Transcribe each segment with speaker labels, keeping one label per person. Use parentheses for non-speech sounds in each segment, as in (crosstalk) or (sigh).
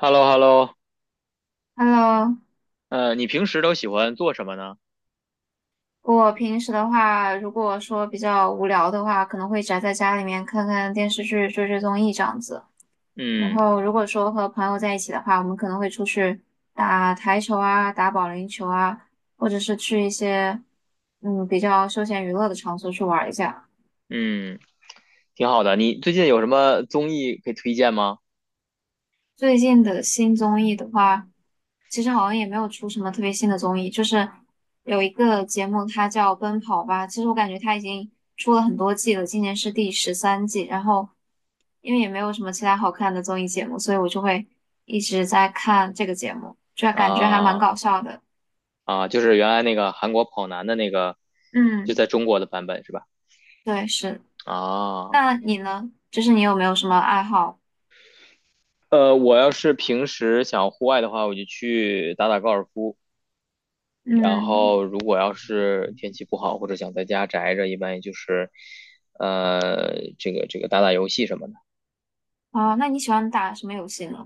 Speaker 1: h e l l o
Speaker 2: Hello，
Speaker 1: 你平时都喜欢做什么呢？
Speaker 2: 我平时的话，如果说比较无聊的话，可能会宅在家里面看看电视剧、追追综艺这样子。然
Speaker 1: 嗯
Speaker 2: 后，如果说和朋友在一起的话，我们可能会出去打台球啊、打保龄球啊，或者是去一些比较休闲娱乐的场所去玩一下。
Speaker 1: 嗯，挺好的。你最近有什么综艺可以推荐吗？
Speaker 2: 最近的新综艺的话，其实好像也没有出什么特别新的综艺，就是有一个节目，它叫《奔跑吧》。其实我感觉它已经出了很多季了，今年是第13季。然后因为也没有什么其他好看的综艺节目，所以我就会一直在看这个节目，就感觉还蛮
Speaker 1: 啊
Speaker 2: 搞笑的。
Speaker 1: 啊，就是原来那个韩国跑男的那个，就在
Speaker 2: 嗯，
Speaker 1: 中国的版本是吧？
Speaker 2: 对，是。
Speaker 1: 啊，
Speaker 2: 那你呢？就是你有没有什么爱好？
Speaker 1: 我要是平时想户外的话，我就去打打高尔夫。然
Speaker 2: 嗯，
Speaker 1: 后如果要是天气不好或者想在家宅着，一般也就是，这个打打游戏什么的。
Speaker 2: 啊，那你喜欢打什么游戏呢？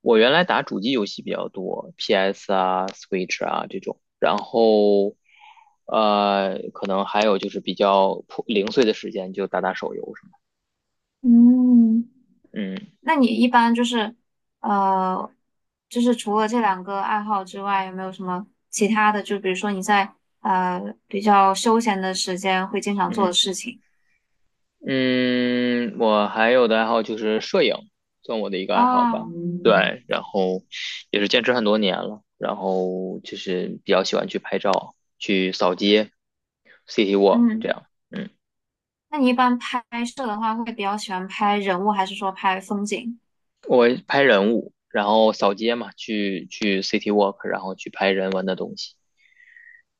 Speaker 1: 我原来打主机游戏比较多，PS 啊、Switch 啊这种，然后可能还有就是比较破零碎的时间就打打手游什么
Speaker 2: 嗯。
Speaker 1: 的。嗯
Speaker 2: 那你一般就是，呃，就是除了这两个爱好之外，有没有什么其他的？就比如说你在呃比较休闲的时间会经常做的
Speaker 1: 嗯
Speaker 2: 事情
Speaker 1: 嗯，我还有的爱好就是摄影，算我的一个爱好
Speaker 2: 啊，
Speaker 1: 吧。对，然后也是坚持很多年了，然后就是比较喜欢去拍照、去扫街、City Walk 这
Speaker 2: 嗯，
Speaker 1: 样。嗯。
Speaker 2: 那你一般拍摄的话，会比较喜欢拍人物，还是说拍风景？
Speaker 1: 我拍人物，然后扫街嘛，去去 city walk，然后去拍人文的东西。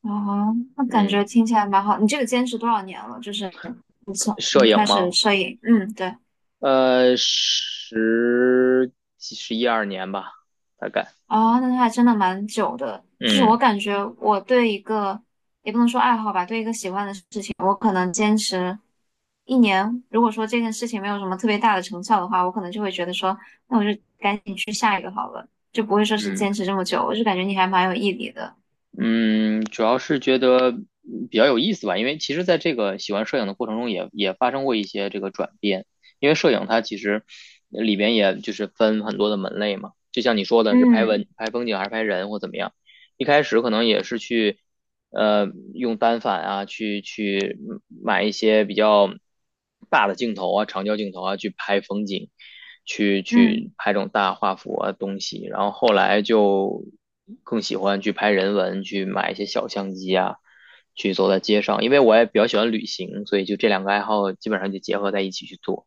Speaker 2: 哦，那感觉
Speaker 1: 嗯，
Speaker 2: 听起来蛮好。你这个坚持多少年了？就是
Speaker 1: 摄
Speaker 2: 你
Speaker 1: 影
Speaker 2: 开始
Speaker 1: 吗？
Speaker 2: 摄影，嗯，对。
Speaker 1: 十几十一二年吧，大概。
Speaker 2: 哦，那他还真的蛮久的。就是我
Speaker 1: 嗯
Speaker 2: 感觉我对一个，也不能说爱好吧，对一个喜欢的事情，我可能坚持一年。如果说这件事情没有什么特别大的成效的话，我可能就会觉得说，那我就赶紧去下一个好了，就不会说是
Speaker 1: 嗯
Speaker 2: 坚持这么久。我就感觉你还蛮有毅力的。
Speaker 1: 嗯，主要是觉得比较有意思吧，因为其实在这个喜欢摄影的过程中也发生过一些这个转变。因为摄影它其实里边也就是分很多的门类嘛，就像你说的是拍
Speaker 2: 嗯
Speaker 1: 文、拍风景还是拍人或怎么样。一开始可能也是去，呃，用单反啊，去买一些比较大的镜头啊，长焦镜头啊，去拍风景，去
Speaker 2: 嗯。
Speaker 1: 去拍这种大画幅啊东西。然后后来就更喜欢去拍人文，去买一些小相机啊，去走在街上。因为我也比较喜欢旅行，所以就这两个爱好基本上就结合在一起去做。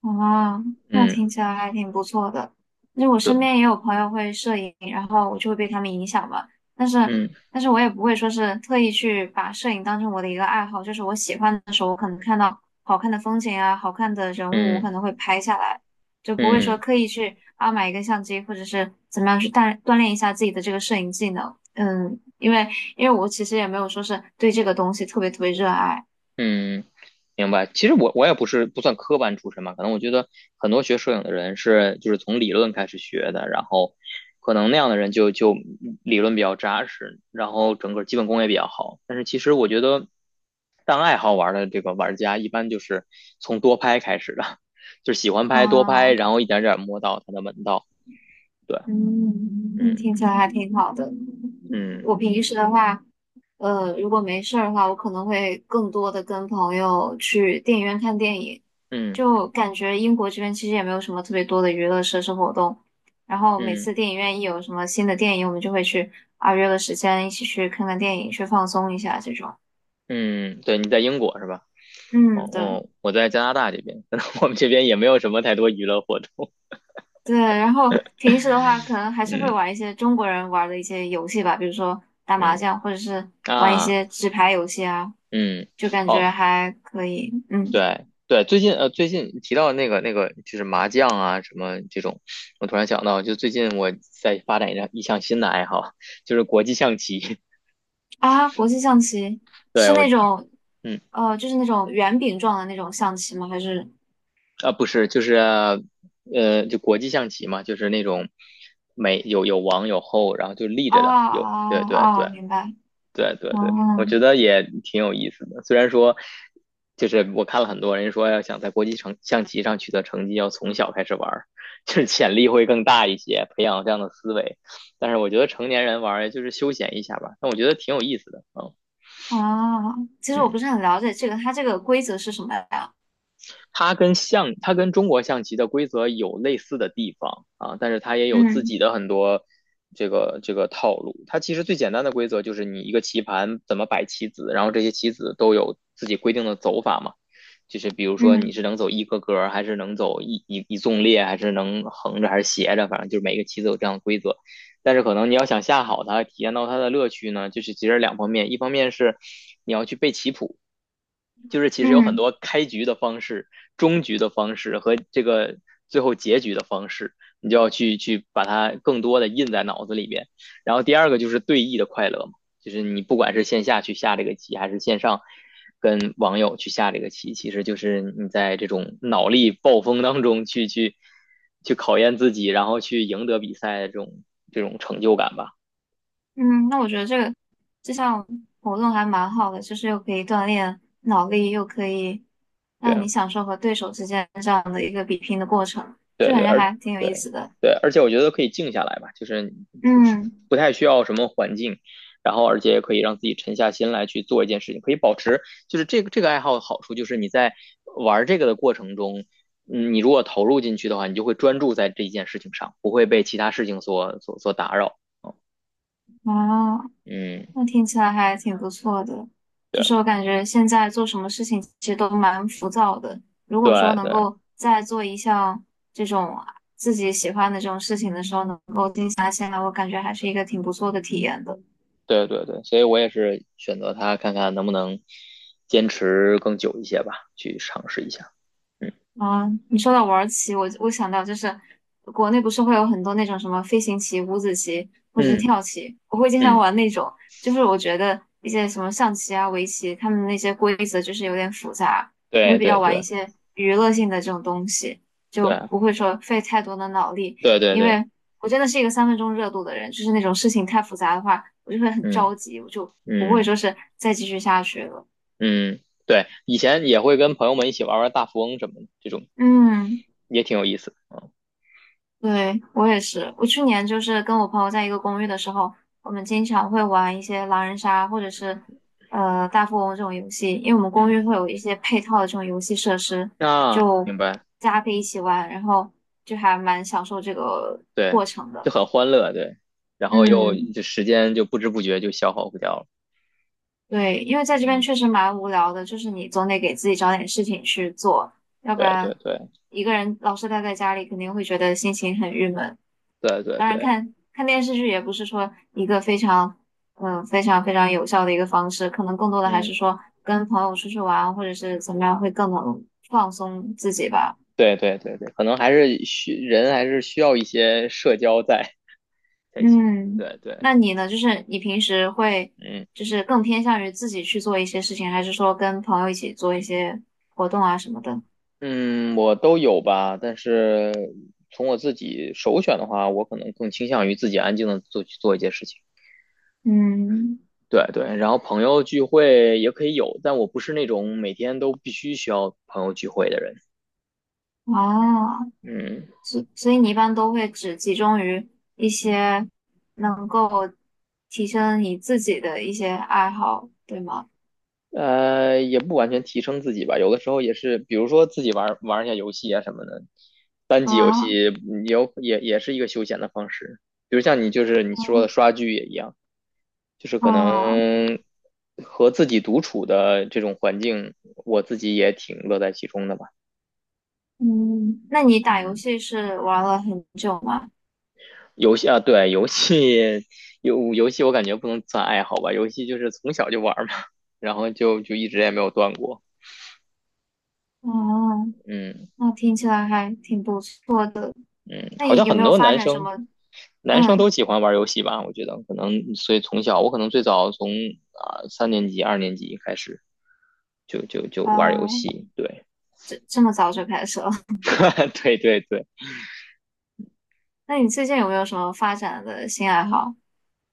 Speaker 2: 哦，那
Speaker 1: 嗯，
Speaker 2: 听起来还挺不错的。就我身
Speaker 1: 对，
Speaker 2: 边也有朋友会摄影，然后我就会被他们影响嘛。但是，
Speaker 1: 嗯
Speaker 2: 但是，我也不会说是特意去把摄影当成我的一个爱好，就是我喜欢的时候，我可能看到好看的风景啊、好看的人物，我
Speaker 1: 嗯
Speaker 2: 可能会拍下来，就不会说
Speaker 1: 嗯。
Speaker 2: 刻意去啊买一个相机，或者是怎么样去锻炼一下自己的这个摄影技能。嗯，因为我其实也没有说是对这个东西特别特别热爱。
Speaker 1: 嗯，明白。其实我也不是不算科班出身嘛，可能我觉得很多学摄影的人是就是从理论开始学的，然后可能那样的人就理论比较扎实，然后整个基本功也比较好。但是其实我觉得当爱好玩的这个玩家，一般就是从多拍开始的，(laughs) 就是喜欢拍多
Speaker 2: 啊。
Speaker 1: 拍，然后一点点摸到它的门道。对，
Speaker 2: 嗯，那
Speaker 1: 嗯
Speaker 2: 听起来还挺好的。
Speaker 1: 嗯
Speaker 2: 我平时的话，呃，如果没事儿的话，我可能会更多的跟朋友去电影院看电影。
Speaker 1: 嗯
Speaker 2: 就感觉英国这边其实也没有什么特别多的娱乐设施活动，然后每
Speaker 1: 嗯
Speaker 2: 次电影院一有什么新的电影，我们就会去啊约个时间一起去看看电影，去放松一下这种。
Speaker 1: 嗯，对，你在英国是吧？哦，
Speaker 2: 嗯，对
Speaker 1: 哦，我在加拿大这边，(laughs) 我们这边也没有什么太多娱乐活动。
Speaker 2: 对。然后平时的话，可能还是会
Speaker 1: 嗯
Speaker 2: 玩一些中国人玩的一些游戏吧，比如说打麻
Speaker 1: 嗯
Speaker 2: 将，或者是玩一
Speaker 1: 啊
Speaker 2: 些纸牌游戏啊。
Speaker 1: 嗯
Speaker 2: 就感觉
Speaker 1: 哦
Speaker 2: 还可以。嗯，
Speaker 1: 对对，最近提到那个就是麻将啊什么这种，我突然想到，就最近我在发展一项新的爱好，就是国际象棋。
Speaker 2: 啊，国际象棋
Speaker 1: (laughs) 对
Speaker 2: 是
Speaker 1: 我
Speaker 2: 那种，
Speaker 1: 嗯
Speaker 2: 呃，就是那种圆饼状的那种象棋吗？还是
Speaker 1: 啊不是就是就国际象棋嘛，就是那种每有王有后，然后就立
Speaker 2: 啊
Speaker 1: 着的，有对
Speaker 2: 啊
Speaker 1: 对
Speaker 2: 啊，
Speaker 1: 对
Speaker 2: 明白。
Speaker 1: 对对对，我
Speaker 2: 哦
Speaker 1: 觉得也挺有意思的。虽然说，就是我看了很多人说，要想在国际成象棋上取得成绩，要从小开始玩儿，(laughs) 就是潜力会更大一些，培养这样的思维。但是我觉得成年人玩儿就是休闲一下吧，但我觉得挺有意思的。嗯
Speaker 2: 啊，其实我
Speaker 1: 嗯。
Speaker 2: 不是很了解这个，它这个规则是什么呀？
Speaker 1: 它跟它跟中国象棋的规则有类似的地方啊，但是它也有自
Speaker 2: 嗯
Speaker 1: 己的很多这个套路。它其实最简单的规则就是你一个棋盘怎么摆棋子，然后这些棋子都有自己规定的走法嘛。就是比如说你
Speaker 2: 嗯
Speaker 1: 是能走一个格，还是能走一纵列，还是能横着还是斜着，反正就是每个棋子有这样的规则。但是可能你要想下好它，体验到它的乐趣呢，就是其实两方面，一方面是你要去背棋谱。就是其实有很
Speaker 2: 嗯
Speaker 1: 多开局的方式、终局的方式和这个最后结局的方式，你就要去把它更多的印在脑子里边。然后第二个就是对弈的快乐嘛，就是你不管是线下去下这个棋，还是线上跟网友去下这个棋，其实就是你在这种脑力暴风当中去考验自己，然后去赢得比赛的这种成就感吧。
Speaker 2: 嗯，那我觉得这个这项活动还蛮好的，就是又可以锻炼脑力，又可以
Speaker 1: 对
Speaker 2: 让
Speaker 1: 啊，
Speaker 2: 你享受和对手之间这样的一个比拼的过程，就
Speaker 1: 对
Speaker 2: 感
Speaker 1: 对，
Speaker 2: 觉还挺有意
Speaker 1: 对
Speaker 2: 思的。
Speaker 1: 对，而且我觉得可以静下来吧，就是你
Speaker 2: 嗯。
Speaker 1: 不太需要什么环境，然后而且也可以让自己沉下心来去做一件事情，可以保持就是这个爱好的好处就是你在玩这个的过程中，嗯，你如果投入进去的话，你就会专注在这一件事情上，不会被其他事情所打扰。
Speaker 2: 啊，
Speaker 1: 嗯，
Speaker 2: 那听起来还挺不错的。就是我
Speaker 1: 对
Speaker 2: 感觉现在做什么事情其实都蛮浮躁的。如果
Speaker 1: 对
Speaker 2: 说能
Speaker 1: 对
Speaker 2: 够在做一项这种自己喜欢的这种事情的时候，能够静下心来，我感觉还是一个挺不错的体验的。
Speaker 1: 对对对，所以我也是选择它，看看能不能坚持更久一些吧，去尝试一下。嗯
Speaker 2: 啊，你说到玩儿棋，我想到就是国内不是会有很多那种什么飞行棋、五子棋或者是
Speaker 1: 嗯
Speaker 2: 跳棋，我会经常
Speaker 1: 嗯，
Speaker 2: 玩那种。就是我觉得一些什么象棋啊、围棋，他们那些规则就是有点复杂，我会
Speaker 1: 对
Speaker 2: 比较
Speaker 1: 对
Speaker 2: 玩一
Speaker 1: 对。
Speaker 2: 些娱乐性的这种东西，就
Speaker 1: 对
Speaker 2: 不会说费太多的脑力。
Speaker 1: 对对
Speaker 2: 因
Speaker 1: 对，
Speaker 2: 为我真的是一个三分钟热度的人，就是那种事情太复杂的话，我就会很
Speaker 1: 嗯
Speaker 2: 着急，我就不会
Speaker 1: 嗯
Speaker 2: 说是再继续下去了。
Speaker 1: 嗯，对，以前也会跟朋友们一起玩玩大富翁什么的，这种
Speaker 2: 嗯。
Speaker 1: 也挺有意思的。
Speaker 2: 对，我也是。我去年就是跟我朋友在一个公寓的时候，我们经常会玩一些狼人杀或者是呃大富翁这种游戏，因为我们公
Speaker 1: 嗯，
Speaker 2: 寓会有一些配套的这种游戏设施，
Speaker 1: 啊，
Speaker 2: 就
Speaker 1: 明白，
Speaker 2: 大家可以一起玩，然后就还蛮享受这个
Speaker 1: 对，
Speaker 2: 过程
Speaker 1: 就
Speaker 2: 的。
Speaker 1: 很欢乐，对，然后又
Speaker 2: 嗯，
Speaker 1: 就时间就不知不觉就消耗不掉了。
Speaker 2: 对，因为在这边
Speaker 1: 嗯，
Speaker 2: 确实蛮无聊的，就是你总得给自己找点事情去做，要不
Speaker 1: 对对
Speaker 2: 然
Speaker 1: 对
Speaker 2: 一个人老是待在家里，肯定会觉得心情很郁闷。
Speaker 1: 对对
Speaker 2: 当然
Speaker 1: 对，
Speaker 2: 看看电视剧也不是说一个非常非常非常有效的一个方式，可能更多的还
Speaker 1: 嗯，
Speaker 2: 是说跟朋友出去玩或者是怎么样会更能放松自己吧。
Speaker 1: 对对对对，可能还是还是需要一些社交在才行。
Speaker 2: 嗯，
Speaker 1: 对对，
Speaker 2: 那你呢？就是你平时会
Speaker 1: 嗯。
Speaker 2: 就是更偏向于自己去做一些事情，还是说跟朋友一起做一些活动啊什么的？
Speaker 1: 嗯，我都有吧，但是从我自己首选的话，我可能更倾向于自己安静的去做一件事情。
Speaker 2: 嗯，
Speaker 1: 对对，然后朋友聚会也可以有，但我不是那种每天都必须需要朋友聚会的人。
Speaker 2: 啊。
Speaker 1: 嗯，
Speaker 2: 所以你一般都会只集中于一些能够提升你自己的一些爱好，对吗？
Speaker 1: 也不完全提升自己吧，有的时候也是，比如说自己玩玩一下游戏啊什么的，单机游戏
Speaker 2: 啊，
Speaker 1: 也有也是一个休闲的方式。比如像你就是你说的
Speaker 2: 嗯
Speaker 1: 刷剧也一样。就是可
Speaker 2: 啊，
Speaker 1: 能和自己独处的这种环境，我自己也挺乐在其中的吧。
Speaker 2: 嗯，那你打游
Speaker 1: 嗯，
Speaker 2: 戏是玩了很久吗？
Speaker 1: 游戏啊，对，游戏我感觉不能算爱好吧，游戏就是从小就玩儿嘛，然后就一直也没有断过。
Speaker 2: 哦，
Speaker 1: 嗯
Speaker 2: 那听起来还挺不错的。
Speaker 1: 嗯，
Speaker 2: 那
Speaker 1: 好
Speaker 2: 你
Speaker 1: 像
Speaker 2: 有没
Speaker 1: 很
Speaker 2: 有
Speaker 1: 多
Speaker 2: 发
Speaker 1: 男
Speaker 2: 展什
Speaker 1: 生
Speaker 2: 么？
Speaker 1: 都
Speaker 2: 嗯，
Speaker 1: 喜欢玩游戏吧，我觉得可能所以从小我可能最早从三年级、二年级开始就玩游
Speaker 2: 啊，
Speaker 1: 戏，对
Speaker 2: 这这么早就开始了？
Speaker 1: (laughs) 对对对。
Speaker 2: (laughs) 那你最近有没有什么发展的新爱好？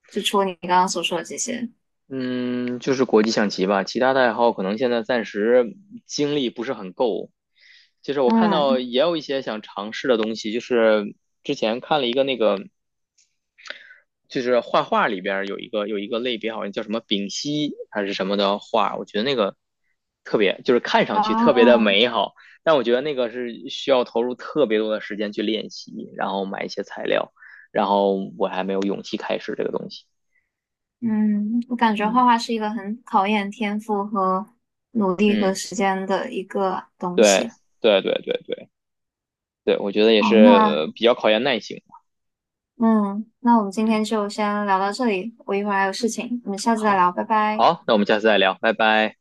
Speaker 2: 就除了你刚刚所说的这些？
Speaker 1: 嗯，就是国际象棋吧，其他的爱好可能现在暂时精力不是很够。就是我看到
Speaker 2: 嗯，
Speaker 1: 也有一些想尝试的东西，就是之前看了一个那个，就是画画里边儿有一个类别，好像叫什么丙烯还是什么的画，我觉得那个特别，就是看上去特别的
Speaker 2: 啊。
Speaker 1: 美好，但我觉得那个是需要投入特别多的时间去练习，然后买一些材料，然后我还没有勇气开始这个东西。
Speaker 2: 嗯，我感觉画
Speaker 1: 嗯
Speaker 2: 画是一个很考验天赋和努力和
Speaker 1: 嗯，
Speaker 2: 时间的一个东
Speaker 1: 对
Speaker 2: 西。
Speaker 1: 对对对对。对，我觉得也是
Speaker 2: 好，那
Speaker 1: 比较考验耐性。
Speaker 2: 嗯，那我们今
Speaker 1: 嗯，
Speaker 2: 天就先聊到这里，我一会儿还有事情，我们下次再
Speaker 1: 好，
Speaker 2: 聊，拜拜。
Speaker 1: 好，那我们下次再聊，拜拜。